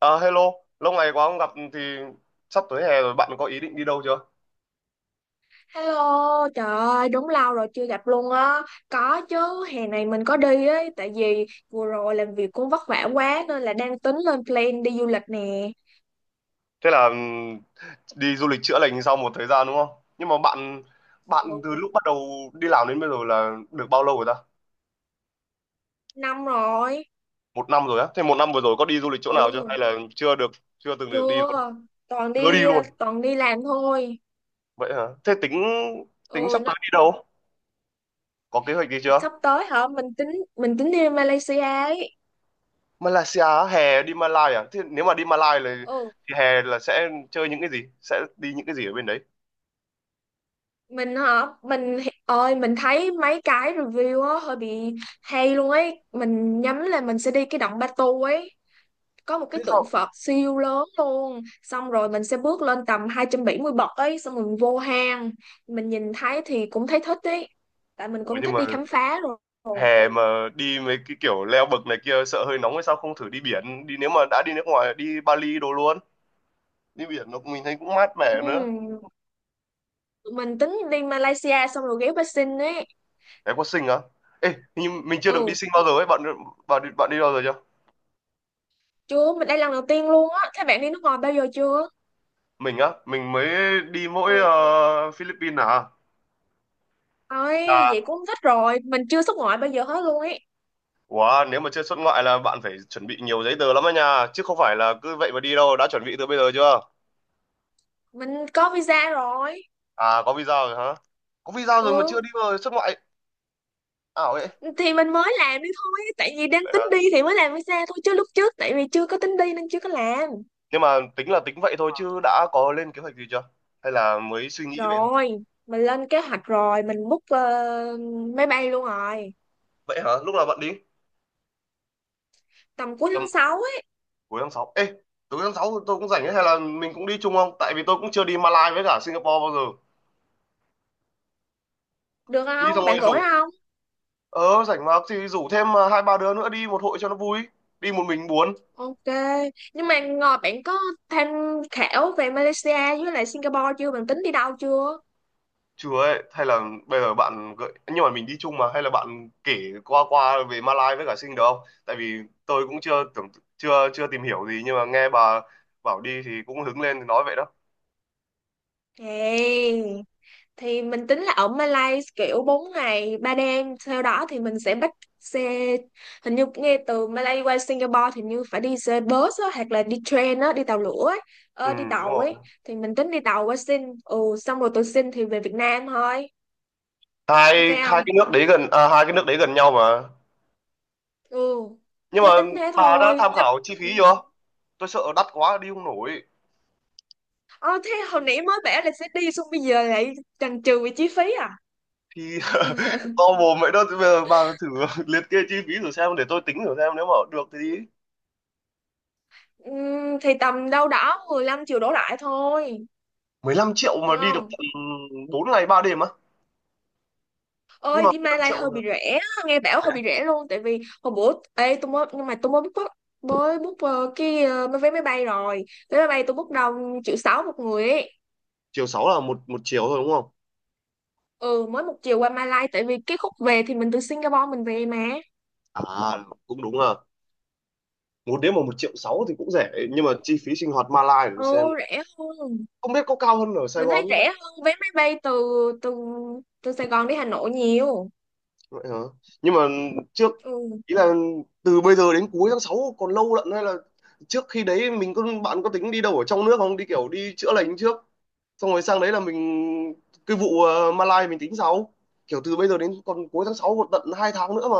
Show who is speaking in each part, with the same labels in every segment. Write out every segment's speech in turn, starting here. Speaker 1: À, hello, lâu ngày quá không gặp thì sắp tới hè rồi bạn có ý định đi đâu chưa?
Speaker 2: Hello, trời ơi, đúng lâu rồi chưa gặp luôn á. Có chứ, hè này mình có đi ấy, tại vì vừa rồi làm việc cũng vất vả quá nên là đang tính lên plan đi du lịch nè.
Speaker 1: Thế là đi du lịch chữa lành sau một thời gian đúng không? Nhưng mà bạn bạn từ
Speaker 2: Ừ,
Speaker 1: lúc bắt đầu đi làm đến bây giờ là được bao lâu rồi ta?
Speaker 2: năm rồi.
Speaker 1: Một năm rồi á. Thế 1 năm vừa rồi có đi du lịch chỗ nào chưa?
Speaker 2: Ừ,
Speaker 1: Hay là chưa được, chưa từng được đi luôn?
Speaker 2: chưa. Toàn
Speaker 1: Chưa đi
Speaker 2: đi
Speaker 1: luôn.
Speaker 2: toàn đi làm thôi.
Speaker 1: Vậy hả? Thế tính tính
Speaker 2: Ừ,
Speaker 1: sắp
Speaker 2: nó,
Speaker 1: tới đi đâu? Có kế hoạch gì chưa?
Speaker 2: sắp tới hả? Mình tính đi Malaysia ấy.
Speaker 1: Malaysia á, hè đi Malai à? Thế nếu mà đi Malai là
Speaker 2: Ừ,
Speaker 1: thì hè là sẽ chơi những cái gì? Sẽ đi những cái gì ở bên đấy?
Speaker 2: mình hả? Mình ơi, mình thấy mấy cái review á hơi bị hay luôn ấy. Mình nhắm là mình sẽ đi cái động Batu ấy, có một
Speaker 1: Thế
Speaker 2: cái tượng
Speaker 1: sao?
Speaker 2: Phật siêu lớn luôn, xong rồi mình sẽ bước lên tầm 270 bậc ấy, xong rồi mình vô hang, mình nhìn thấy thì cũng thấy thích ấy, tại mình
Speaker 1: Ủa
Speaker 2: cũng
Speaker 1: nhưng
Speaker 2: thích
Speaker 1: mà
Speaker 2: đi khám phá rồi.
Speaker 1: hè mà đi mấy cái kiểu leo bậc này kia sợ hơi nóng hay sao không thử đi biển đi, nếu mà đã đi nước ngoài đi Bali đồ luôn, đi biển nó mình thấy cũng mát mẻ nữa.
Speaker 2: Ừm, tụi mình tính đi Malaysia xong rồi ghé Bắc ấy.
Speaker 1: Em có sinh á, ê hình như mình chưa được đi
Speaker 2: Ừ,
Speaker 1: sinh bao giờ ấy bạn. Bạn đi bao giờ chưa?
Speaker 2: chưa, mình đây lần đầu tiên luôn á. Thế bạn đi nước ngoài bao giờ chưa?
Speaker 1: Mình á, mình mới đi mỗi
Speaker 2: Ừ,
Speaker 1: Philippines à.
Speaker 2: ơi
Speaker 1: Là
Speaker 2: vậy cũng thích rồi, mình chưa xuất ngoại bao giờ hết luôn ấy.
Speaker 1: wow, nếu mà chưa xuất ngoại là bạn phải chuẩn bị nhiều giấy tờ lắm á nha, chứ không phải là cứ vậy mà đi đâu. Đã chuẩn bị từ bây giờ chưa?
Speaker 2: Mình có visa rồi.
Speaker 1: À có visa rồi hả? Có visa rồi mà chưa
Speaker 2: Ừ,
Speaker 1: đi, vào xuất ngoại ảo ấy.
Speaker 2: thì mình mới làm đi thôi, tại vì đang tính đi thì mới làm visa thôi, chứ lúc trước tại vì chưa có tính đi nên chưa có làm.
Speaker 1: Nhưng mà tính là tính vậy thôi chứ đã có lên kế hoạch gì chưa, hay là mới suy nghĩ vậy thôi?
Speaker 2: Rồi, mình lên kế hoạch rồi, mình book máy bay luôn rồi.
Speaker 1: Vậy hả, lúc nào bạn đi?
Speaker 2: Tầm cuối
Speaker 1: Tầm
Speaker 2: tháng sáu ấy.
Speaker 1: cuối tháng 6, ê cuối tháng 6 tôi cũng rảnh ấy, hay là mình cũng đi chung không? Tại vì tôi cũng chưa đi Malaysia với cả Singapore bao giờ.
Speaker 2: Được
Speaker 1: Đi xong
Speaker 2: không,
Speaker 1: rồi
Speaker 2: bạn rỗi
Speaker 1: rủ,
Speaker 2: không?
Speaker 1: ờ rảnh mà thì rủ thêm hai ba đứa nữa đi một hội cho nó vui, đi một mình buồn.
Speaker 2: Ok. Nhưng mà ngồi bạn có tham khảo về Malaysia với lại Singapore chưa, bạn tính đi đâu chưa?
Speaker 1: Chừa ấy, hay là bây giờ bạn gợi nhưng mà mình đi chung mà, hay là bạn kể qua qua về Malaysia với cả Sing được không? Tại vì tôi cũng chưa tưởng, chưa chưa tìm hiểu gì, nhưng mà nghe bà bảo đi thì cũng hứng lên thì nói vậy đó.
Speaker 2: Hey. Thì mình tính là ở Malaysia kiểu 4 ngày 3 đêm, sau đó thì mình sẽ bắt xe, hình như nghe từ Malaysia qua Singapore thì như phải đi xe bus á, hoặc là đi train á, đi tàu lửa ấy.
Speaker 1: Ừ,
Speaker 2: Ờ, đi
Speaker 1: đúng
Speaker 2: tàu ấy,
Speaker 1: rồi.
Speaker 2: thì mình tính đi tàu qua Sing. Ừ, xong rồi từ Sing thì về Việt Nam thôi.
Speaker 1: Hai
Speaker 2: Ok
Speaker 1: hai
Speaker 2: không?
Speaker 1: cái nước đấy gần à, hai cái nước đấy gần nhau mà.
Speaker 2: Ừ,
Speaker 1: Nhưng mà
Speaker 2: thế tính thế
Speaker 1: bà đã
Speaker 2: thôi.
Speaker 1: tham
Speaker 2: Chứ-
Speaker 1: khảo chi
Speaker 2: Ừ.
Speaker 1: phí chưa? Tôi sợ đắt quá đi không nổi.
Speaker 2: ờ, Thế hồi nãy mới bảo là sẽ đi xong bây giờ lại chần chừ về chi phí à?
Speaker 1: Thì to mồm vậy đó, bây giờ bà thử liệt kê chi phí thử xem để tôi tính thử xem nếu mà được thì đi.
Speaker 2: Thì tầm đâu đó 15 triệu đổ lại thôi.
Speaker 1: 15 triệu
Speaker 2: Được
Speaker 1: mà đi được
Speaker 2: không?
Speaker 1: tận 4 ngày 3 đêm á. Nhưng
Speaker 2: Ơi
Speaker 1: mà
Speaker 2: đi
Speaker 1: 15
Speaker 2: Malai hơi
Speaker 1: triệu là
Speaker 2: bị rẻ á, nghe bảo hơi bị rẻ luôn, tại vì hồi bữa ê tôi mới, nhưng mà tôi mới book cái vé máy bay rồi. Vé máy bay tôi book đồng triệu sáu một người ấy.
Speaker 1: chiều sáu là một một chiều thôi đúng không?
Speaker 2: Ừ, mới một chiều qua Malai, tại vì cái khúc về thì mình từ Singapore mình về mà.
Speaker 1: À cũng đúng à. Một đêm mà 1,6 triệu thì cũng rẻ, nhưng mà chi phí sinh hoạt Malai để tôi xem
Speaker 2: Ừ, rẻ hơn,
Speaker 1: không biết có cao hơn ở Sài
Speaker 2: mình
Speaker 1: Gòn.
Speaker 2: thấy rẻ hơn vé máy bay từ từ từ Sài Gòn đi Hà Nội nhiều.
Speaker 1: Vậy hả? Nhưng mà trước
Speaker 2: Ừ,
Speaker 1: ý là từ bây giờ đến cuối tháng 6 còn lâu lận, hay là trước khi đấy mình có, bạn có tính đi đâu ở trong nước không? Đi kiểu đi chữa lành trước xong rồi sang đấy là mình, cái vụ Malai mình tính sau. Kiểu từ bây giờ đến còn cuối tháng 6 còn tận 2 tháng nữa mà.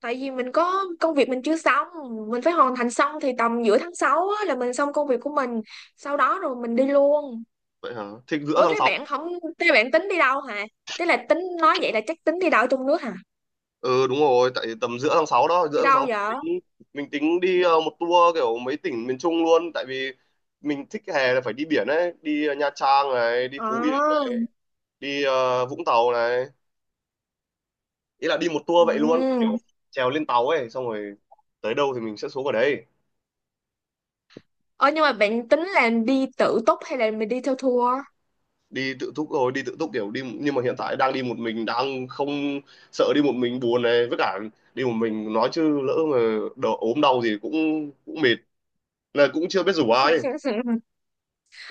Speaker 2: tại vì mình có công việc mình chưa xong, mình phải hoàn thành xong thì tầm giữa tháng 6 á, là mình xong công việc của mình, sau đó rồi mình đi luôn.
Speaker 1: Vậy hả? Thì giữa
Speaker 2: Ủa
Speaker 1: tháng
Speaker 2: thế
Speaker 1: sáu,
Speaker 2: bạn không, thế bạn tính đi đâu hả? Thế là tính nói vậy là chắc tính đi đâu ở trong nước hả?
Speaker 1: ừ đúng rồi, tại tầm giữa tháng 6 đó, giữa
Speaker 2: Đi
Speaker 1: tháng
Speaker 2: đâu
Speaker 1: 6 mình
Speaker 2: vậy?
Speaker 1: tính, mình tính đi một tour kiểu mấy tỉnh miền Trung luôn, tại vì mình thích hè là phải đi biển ấy, đi Nha Trang này, đi Phú Yên,
Speaker 2: Ờ.
Speaker 1: đi Vũng Tàu này, ý là đi một
Speaker 2: Ừ.
Speaker 1: tour vậy luôn, kiểu trèo lên tàu ấy xong rồi tới đâu thì mình sẽ xuống ở đấy.
Speaker 2: Ờ nhưng mà bạn tính là đi tự túc hay là mình đi theo tour?
Speaker 1: Đi tự túc rồi, đi tự túc kiểu đi, nhưng mà hiện tại đang đi một mình đang không, sợ đi một mình buồn này, với cả đi một mình nói chứ lỡ mà đỡ ốm đau gì cũng cũng mệt, là cũng chưa biết rủ ai.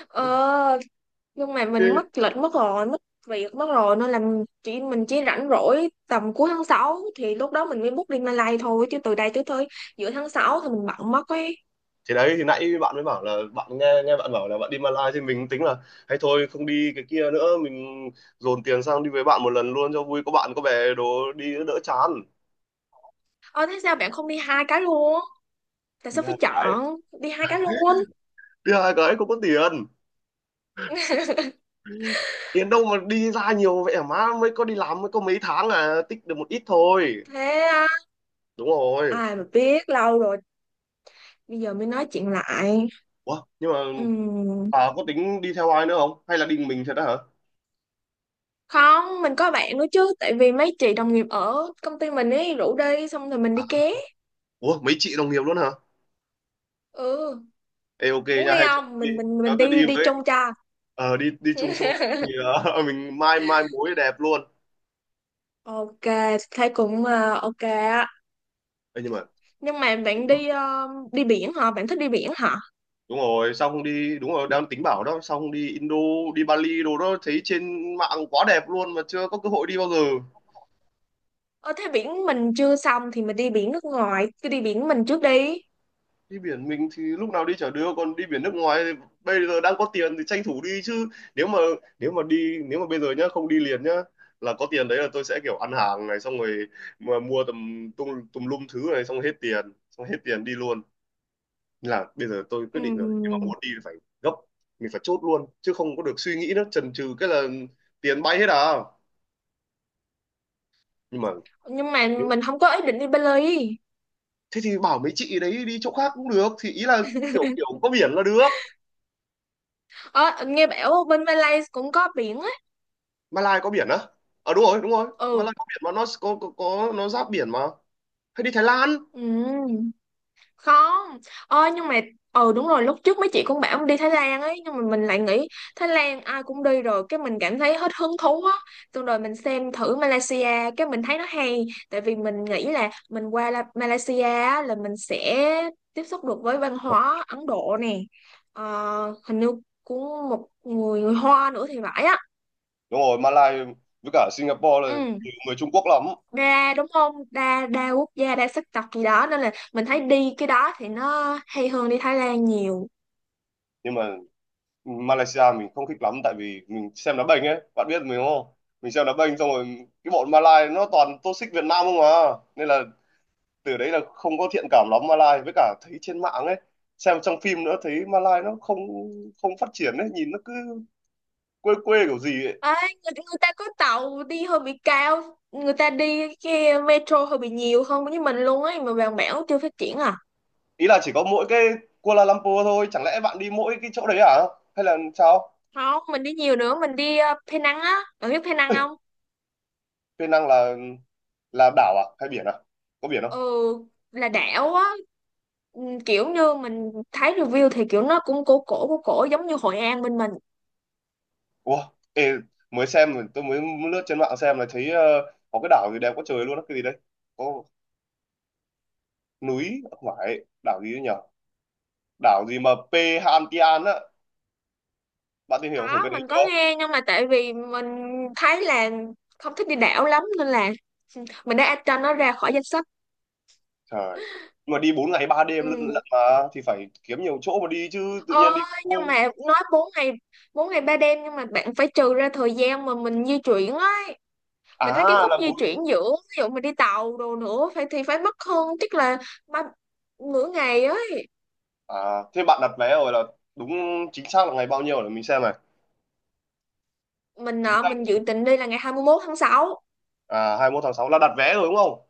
Speaker 2: Ờ nhưng mà
Speaker 1: thế,
Speaker 2: mình mất lịch mất rồi, mất việc mất rồi, nên là mình chỉ rảnh rỗi tầm cuối tháng sáu, thì lúc đó mình mới book đi Malay thôi, chứ từ đây tới tới giữa tháng 6 thì mình bận mất ấy.
Speaker 1: Thế đấy, thì nãy bạn mới bảo là bạn nghe, nghe bạn bảo là bạn đi Malaysia thì mình tính là hay thôi không đi cái kia nữa, mình dồn tiền sang đi với bạn một lần luôn cho vui, có bạn có bè đồ đi đỡ chán.
Speaker 2: Ờ thế sao bạn không đi hai cái luôn? Tại
Speaker 1: đi
Speaker 2: sao phải
Speaker 1: hai
Speaker 2: chọn đi hai cái luôn?
Speaker 1: Đi hai cái không có tiền, tiền đâu mà đi ra nhiều vậy hả má, mới có đi làm mới có mấy tháng là tích được một ít thôi,
Speaker 2: Thế à,
Speaker 1: đúng rồi.
Speaker 2: ai mà biết lâu rồi, bây giờ mới nói chuyện lại.
Speaker 1: Ủa nhưng mà
Speaker 2: Ừm,
Speaker 1: bà có tính đi theo ai nữa không, hay là đi mình thật đó hả?
Speaker 2: không mình có bạn nữa chứ, tại vì mấy chị đồng nghiệp ở công ty mình ấy rủ đi xong rồi mình đi
Speaker 1: À,
Speaker 2: ké.
Speaker 1: ủa mấy chị đồng nghiệp luôn hả?
Speaker 2: Ừ,
Speaker 1: Ê, ok
Speaker 2: muốn
Speaker 1: nha,
Speaker 2: đi
Speaker 1: hay cho tôi
Speaker 2: không,
Speaker 1: đi,
Speaker 2: mình mình
Speaker 1: cho
Speaker 2: mình
Speaker 1: tôi
Speaker 2: đi
Speaker 1: đi
Speaker 2: đi
Speaker 1: với.
Speaker 2: chung cho.
Speaker 1: Ờ đi đi chung xong rồi thì mình mai mai mối đẹp luôn.
Speaker 2: Ok. Thấy cũng ok á.
Speaker 1: Ê, nhưng mà
Speaker 2: Nhưng mà bạn đi đi biển hả, bạn thích đi biển hả?
Speaker 1: đúng rồi sao không đi, đúng rồi đang tính bảo đó, sao không đi Indo, đi Bali đồ đó, thấy trên mạng quá đẹp luôn mà chưa có cơ hội đi bao giờ.
Speaker 2: Ờ thế biển mình chưa xong thì mình đi biển nước ngoài, cứ đi biển mình trước đi.
Speaker 1: Đi biển mình thì lúc nào đi chả đưa, còn đi biển nước ngoài thì bây giờ đang có tiền thì tranh thủ đi chứ. Nếu mà, nếu mà đi nếu mà bây giờ nhá không đi liền nhá, là có tiền đấy là tôi sẽ kiểu ăn hàng này xong rồi mà mua tầm tung tùm lum thứ này xong hết tiền, xong hết tiền đi luôn. Nên là bây giờ tôi quyết định rồi, nếu mà
Speaker 2: Ừm,
Speaker 1: muốn đi thì phải gấp, mình phải chốt luôn chứ không có được suy nghĩ nữa, chần chừ cái là tiền bay hết à. Nhưng mà
Speaker 2: nhưng mà mình không có ý định đi Bali.
Speaker 1: thế thì bảo mấy chị đấy đi chỗ khác cũng được, thì ý là kiểu kiểu có biển là được.
Speaker 2: Ờ nghe bảo bên Malaysia cũng có biển á.
Speaker 1: Malai có biển á, ờ đúng rồi đúng rồi,
Speaker 2: Ừ.
Speaker 1: Malai có biển mà, nó có nó giáp biển mà. Hay đi Thái Lan.
Speaker 2: Ừm. Không, ơi nhưng mà ừ đúng rồi, lúc trước mấy chị cũng bảo đi Thái Lan ấy, nhưng mà mình lại nghĩ Thái Lan ai cũng đi rồi, cái mình cảm thấy hết hứng thú á, xong rồi mình xem thử Malaysia cái mình thấy nó hay, tại vì mình nghĩ là mình qua La- Malaysia á, là mình sẽ tiếp xúc được với văn hóa Ấn Độ nè. Ờ, hình như cũng một người người Hoa nữa thì phải á.
Speaker 1: Đúng rồi Malaysia với cả Singapore
Speaker 2: Ừ,
Speaker 1: là trừ người Trung Quốc lắm.
Speaker 2: đa đúng không, đa đa quốc gia đa sắc tộc gì đó, nên là mình thấy đi cái đó thì nó hay hơn đi Thái Lan nhiều.
Speaker 1: Nhưng mà Malaysia mình không thích lắm, tại vì mình xem đá banh ấy, bạn biết mình đúng không? Mình xem đá banh xong rồi cái bọn Malay nó toàn tô xích Việt Nam không à, nên là từ đấy là không có thiện cảm lắm Malay, với cả thấy trên mạng ấy, xem trong phim nữa thấy Malay nó không, không phát triển ấy, nhìn nó cứ quê quê kiểu gì ấy.
Speaker 2: Ê, người ta có tàu đi hơi bị cao, người ta đi cái metro hơi bị nhiều hơn với mình luôn ấy, mà Vàng Bẻo chưa phát triển à?
Speaker 1: Ý là chỉ có mỗi cái Kuala Lumpur thôi, chẳng lẽ bạn đi mỗi cái chỗ đấy à, hay là sao?
Speaker 2: Không, mình đi nhiều nữa, mình đi Penang á, bạn biết Penang không?
Speaker 1: Penang, năng là đảo à hay biển à? Có biển
Speaker 2: Ừ,
Speaker 1: không?
Speaker 2: là đảo á. Ừ, kiểu như mình thấy review thì kiểu nó cũng cổ cổ cổ cổ giống như Hội An bên mình.
Speaker 1: Ủa, ê, mới xem, tôi mới lướt trên mạng xem là thấy có cái đảo gì đẹp quá trời luôn á, cái gì đấy, có núi không phải, đảo gì đấy nhở, đảo gì mà P Hantian á, bạn tìm hiểu thử
Speaker 2: Có,
Speaker 1: cái đấy
Speaker 2: mình có
Speaker 1: chưa?
Speaker 2: nghe, nhưng mà tại vì mình thấy là không thích đi đảo lắm nên là mình đã add cho nó ra khỏi danh sách.
Speaker 1: Trời. Nhưng mà đi 4 ngày 3 đêm lận
Speaker 2: Ừ.
Speaker 1: lận mà, thì phải kiếm nhiều chỗ mà đi chứ tự
Speaker 2: Ôi,
Speaker 1: nhiên đi.
Speaker 2: nhưng mà nói 4 ngày, 4 ngày 3 đêm, nhưng mà bạn phải trừ ra thời gian mà mình di chuyển ấy. Mình thấy cái
Speaker 1: À
Speaker 2: khúc
Speaker 1: là
Speaker 2: di
Speaker 1: bốn.
Speaker 2: chuyển giữa ví dụ mình đi tàu đồ nữa phải thì phải mất hơn chắc là ba, nửa ngày ấy.
Speaker 1: À, thế bạn đặt vé rồi là đúng chính xác là ngày bao nhiêu để mình xem này.
Speaker 2: Mình
Speaker 1: Chính
Speaker 2: nọ
Speaker 1: xác
Speaker 2: mình dự định đi là ngày 21 tháng 6.
Speaker 1: à 21 tháng 6 là đặt vé rồi đúng không?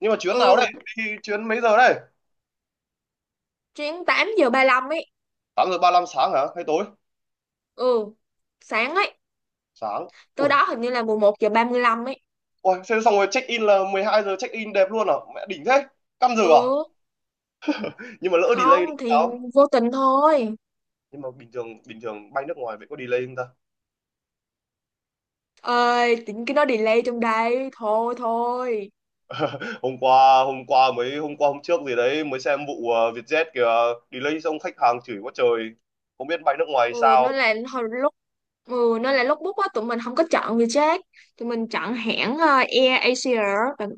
Speaker 1: Nhưng mà chuyến nào đây?
Speaker 2: Ừ,
Speaker 1: Đi chuyến mấy giờ đây?
Speaker 2: chuyến 8 giờ ba lăm ấy.
Speaker 1: 8 giờ 35 sáng hả? Hay tối?
Speaker 2: Ừ, sáng ấy.
Speaker 1: Sáng.
Speaker 2: Tới
Speaker 1: Ui,
Speaker 2: đó hình như là 11:35 ấy.
Speaker 1: ôi, xem xong rồi check in là 12 giờ check in đẹp luôn à? Mẹ đỉnh thế. Căm giờ à?
Speaker 2: Ừ,
Speaker 1: Nhưng mà lỡ delay thì
Speaker 2: không thì
Speaker 1: sao?
Speaker 2: vô tình thôi.
Speaker 1: Nhưng mà bình thường bay nước ngoài vậy có delay không ta?
Speaker 2: Ơi, tính cái nó delay trong đây. Thôi thôi.
Speaker 1: Hôm qua hôm trước gì đấy mới xem vụ Vietjet kìa, delay xong khách hàng chửi quá trời. Không biết bay nước ngoài
Speaker 2: Ừ,
Speaker 1: sao.
Speaker 2: nó là hồi lúc. Ừ, nên là lúc book á tụi mình không có chọn Vietjet, tụi mình chọn hãng Air Asia. bạn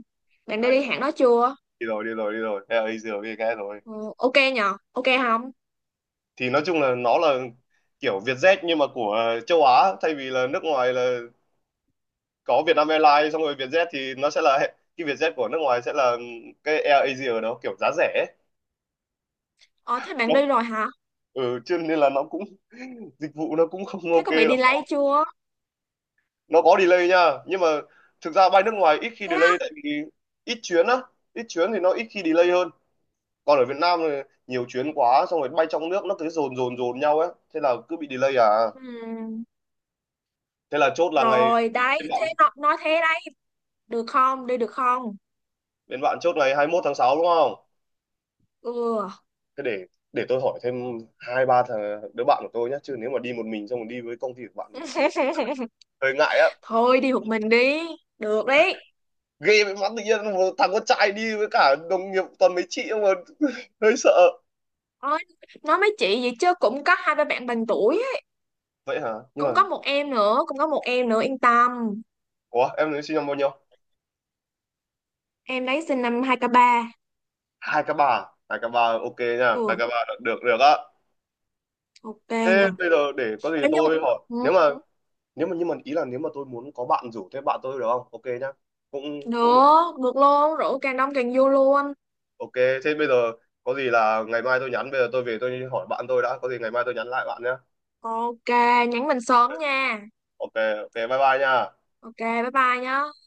Speaker 2: bạn đã
Speaker 1: À,
Speaker 2: đi hãng đó chưa?
Speaker 1: đi rồi. Thế là Easy rồi, nghe rồi,
Speaker 2: Ừ, ok nhờ, ok không?
Speaker 1: thì nói chung là nó là kiểu Vietjet nhưng mà của châu Á, thay vì là nước ngoài là có Vietnam Airlines xong rồi Vietjet thì nó sẽ là, cái Vietjet của nước ngoài sẽ là cái Air Asia đó, kiểu giá rẻ ấy.
Speaker 2: Ờ thế bạn
Speaker 1: Nó
Speaker 2: đi rồi hả?
Speaker 1: ừ, cho nên là nó cũng dịch vụ nó cũng không
Speaker 2: Thế
Speaker 1: ok
Speaker 2: có bị
Speaker 1: lắm.
Speaker 2: delay chưa?
Speaker 1: Nó có delay nha, nhưng mà thực ra bay nước ngoài ít khi
Speaker 2: Thế á?
Speaker 1: delay, tại vì ít chuyến á, ít chuyến thì nó ít khi delay hơn. Còn ở Việt Nam thì nhiều chuyến quá xong rồi bay trong nước nó cứ dồn dồn dồn nhau ấy, thế là cứ bị delay à.
Speaker 2: Ừ,
Speaker 1: Thế là chốt là ngày,
Speaker 2: rồi đấy
Speaker 1: bên bạn
Speaker 2: thế nó nói thế đấy. Được không, đi được không?
Speaker 1: bên bạn chốt ngày 21 tháng 6 đúng không?
Speaker 2: Ừ
Speaker 1: Thế để tôi hỏi thêm hai ba thằng đứa bạn của tôi nhé, chứ nếu mà đi một mình xong rồi đi với công ty của bạn hơi ngại á,
Speaker 2: thôi đi một mình đi được đấy.
Speaker 1: ghê với mắt, tự nhiên một thằng con trai đi với cả đồng nghiệp toàn mấy chị mà hơi sợ.
Speaker 2: Ôi, nói mấy chị vậy chứ cũng có hai ba bạn bằng tuổi á.
Speaker 1: Vậy hả nhưng
Speaker 2: Cũng
Speaker 1: mà
Speaker 2: có một em nữa, cũng có một em nữa, yên tâm.
Speaker 1: ủa em nói sinh năm bao nhiêu?
Speaker 2: Em đấy sinh năm 2003.
Speaker 1: hai k bà, Hai k bà, ok nha hai
Speaker 2: Ừ,
Speaker 1: k ba được được được á.
Speaker 2: ok nhỉ.
Speaker 1: Thế bây giờ để có gì
Speaker 2: Thế nhưng
Speaker 1: tôi hỏi,
Speaker 2: ừ.
Speaker 1: nếu mà, nếu mà nhưng mà ý là nếu mà tôi muốn có bạn rủ thêm bạn tôi được không? Ok nhá, cũng cũng được.
Speaker 2: Được, được luôn, rượu càng đông càng vô luôn.
Speaker 1: Ok, thế bây giờ có gì là ngày mai tôi nhắn, bây giờ tôi về tôi hỏi bạn tôi đã, có gì ngày mai tôi nhắn lại bạn nhé.
Speaker 2: Ok, nhắn mình sớm nha.
Speaker 1: Ok, ok, bye bye nha.
Speaker 2: Ok bye bye nhá.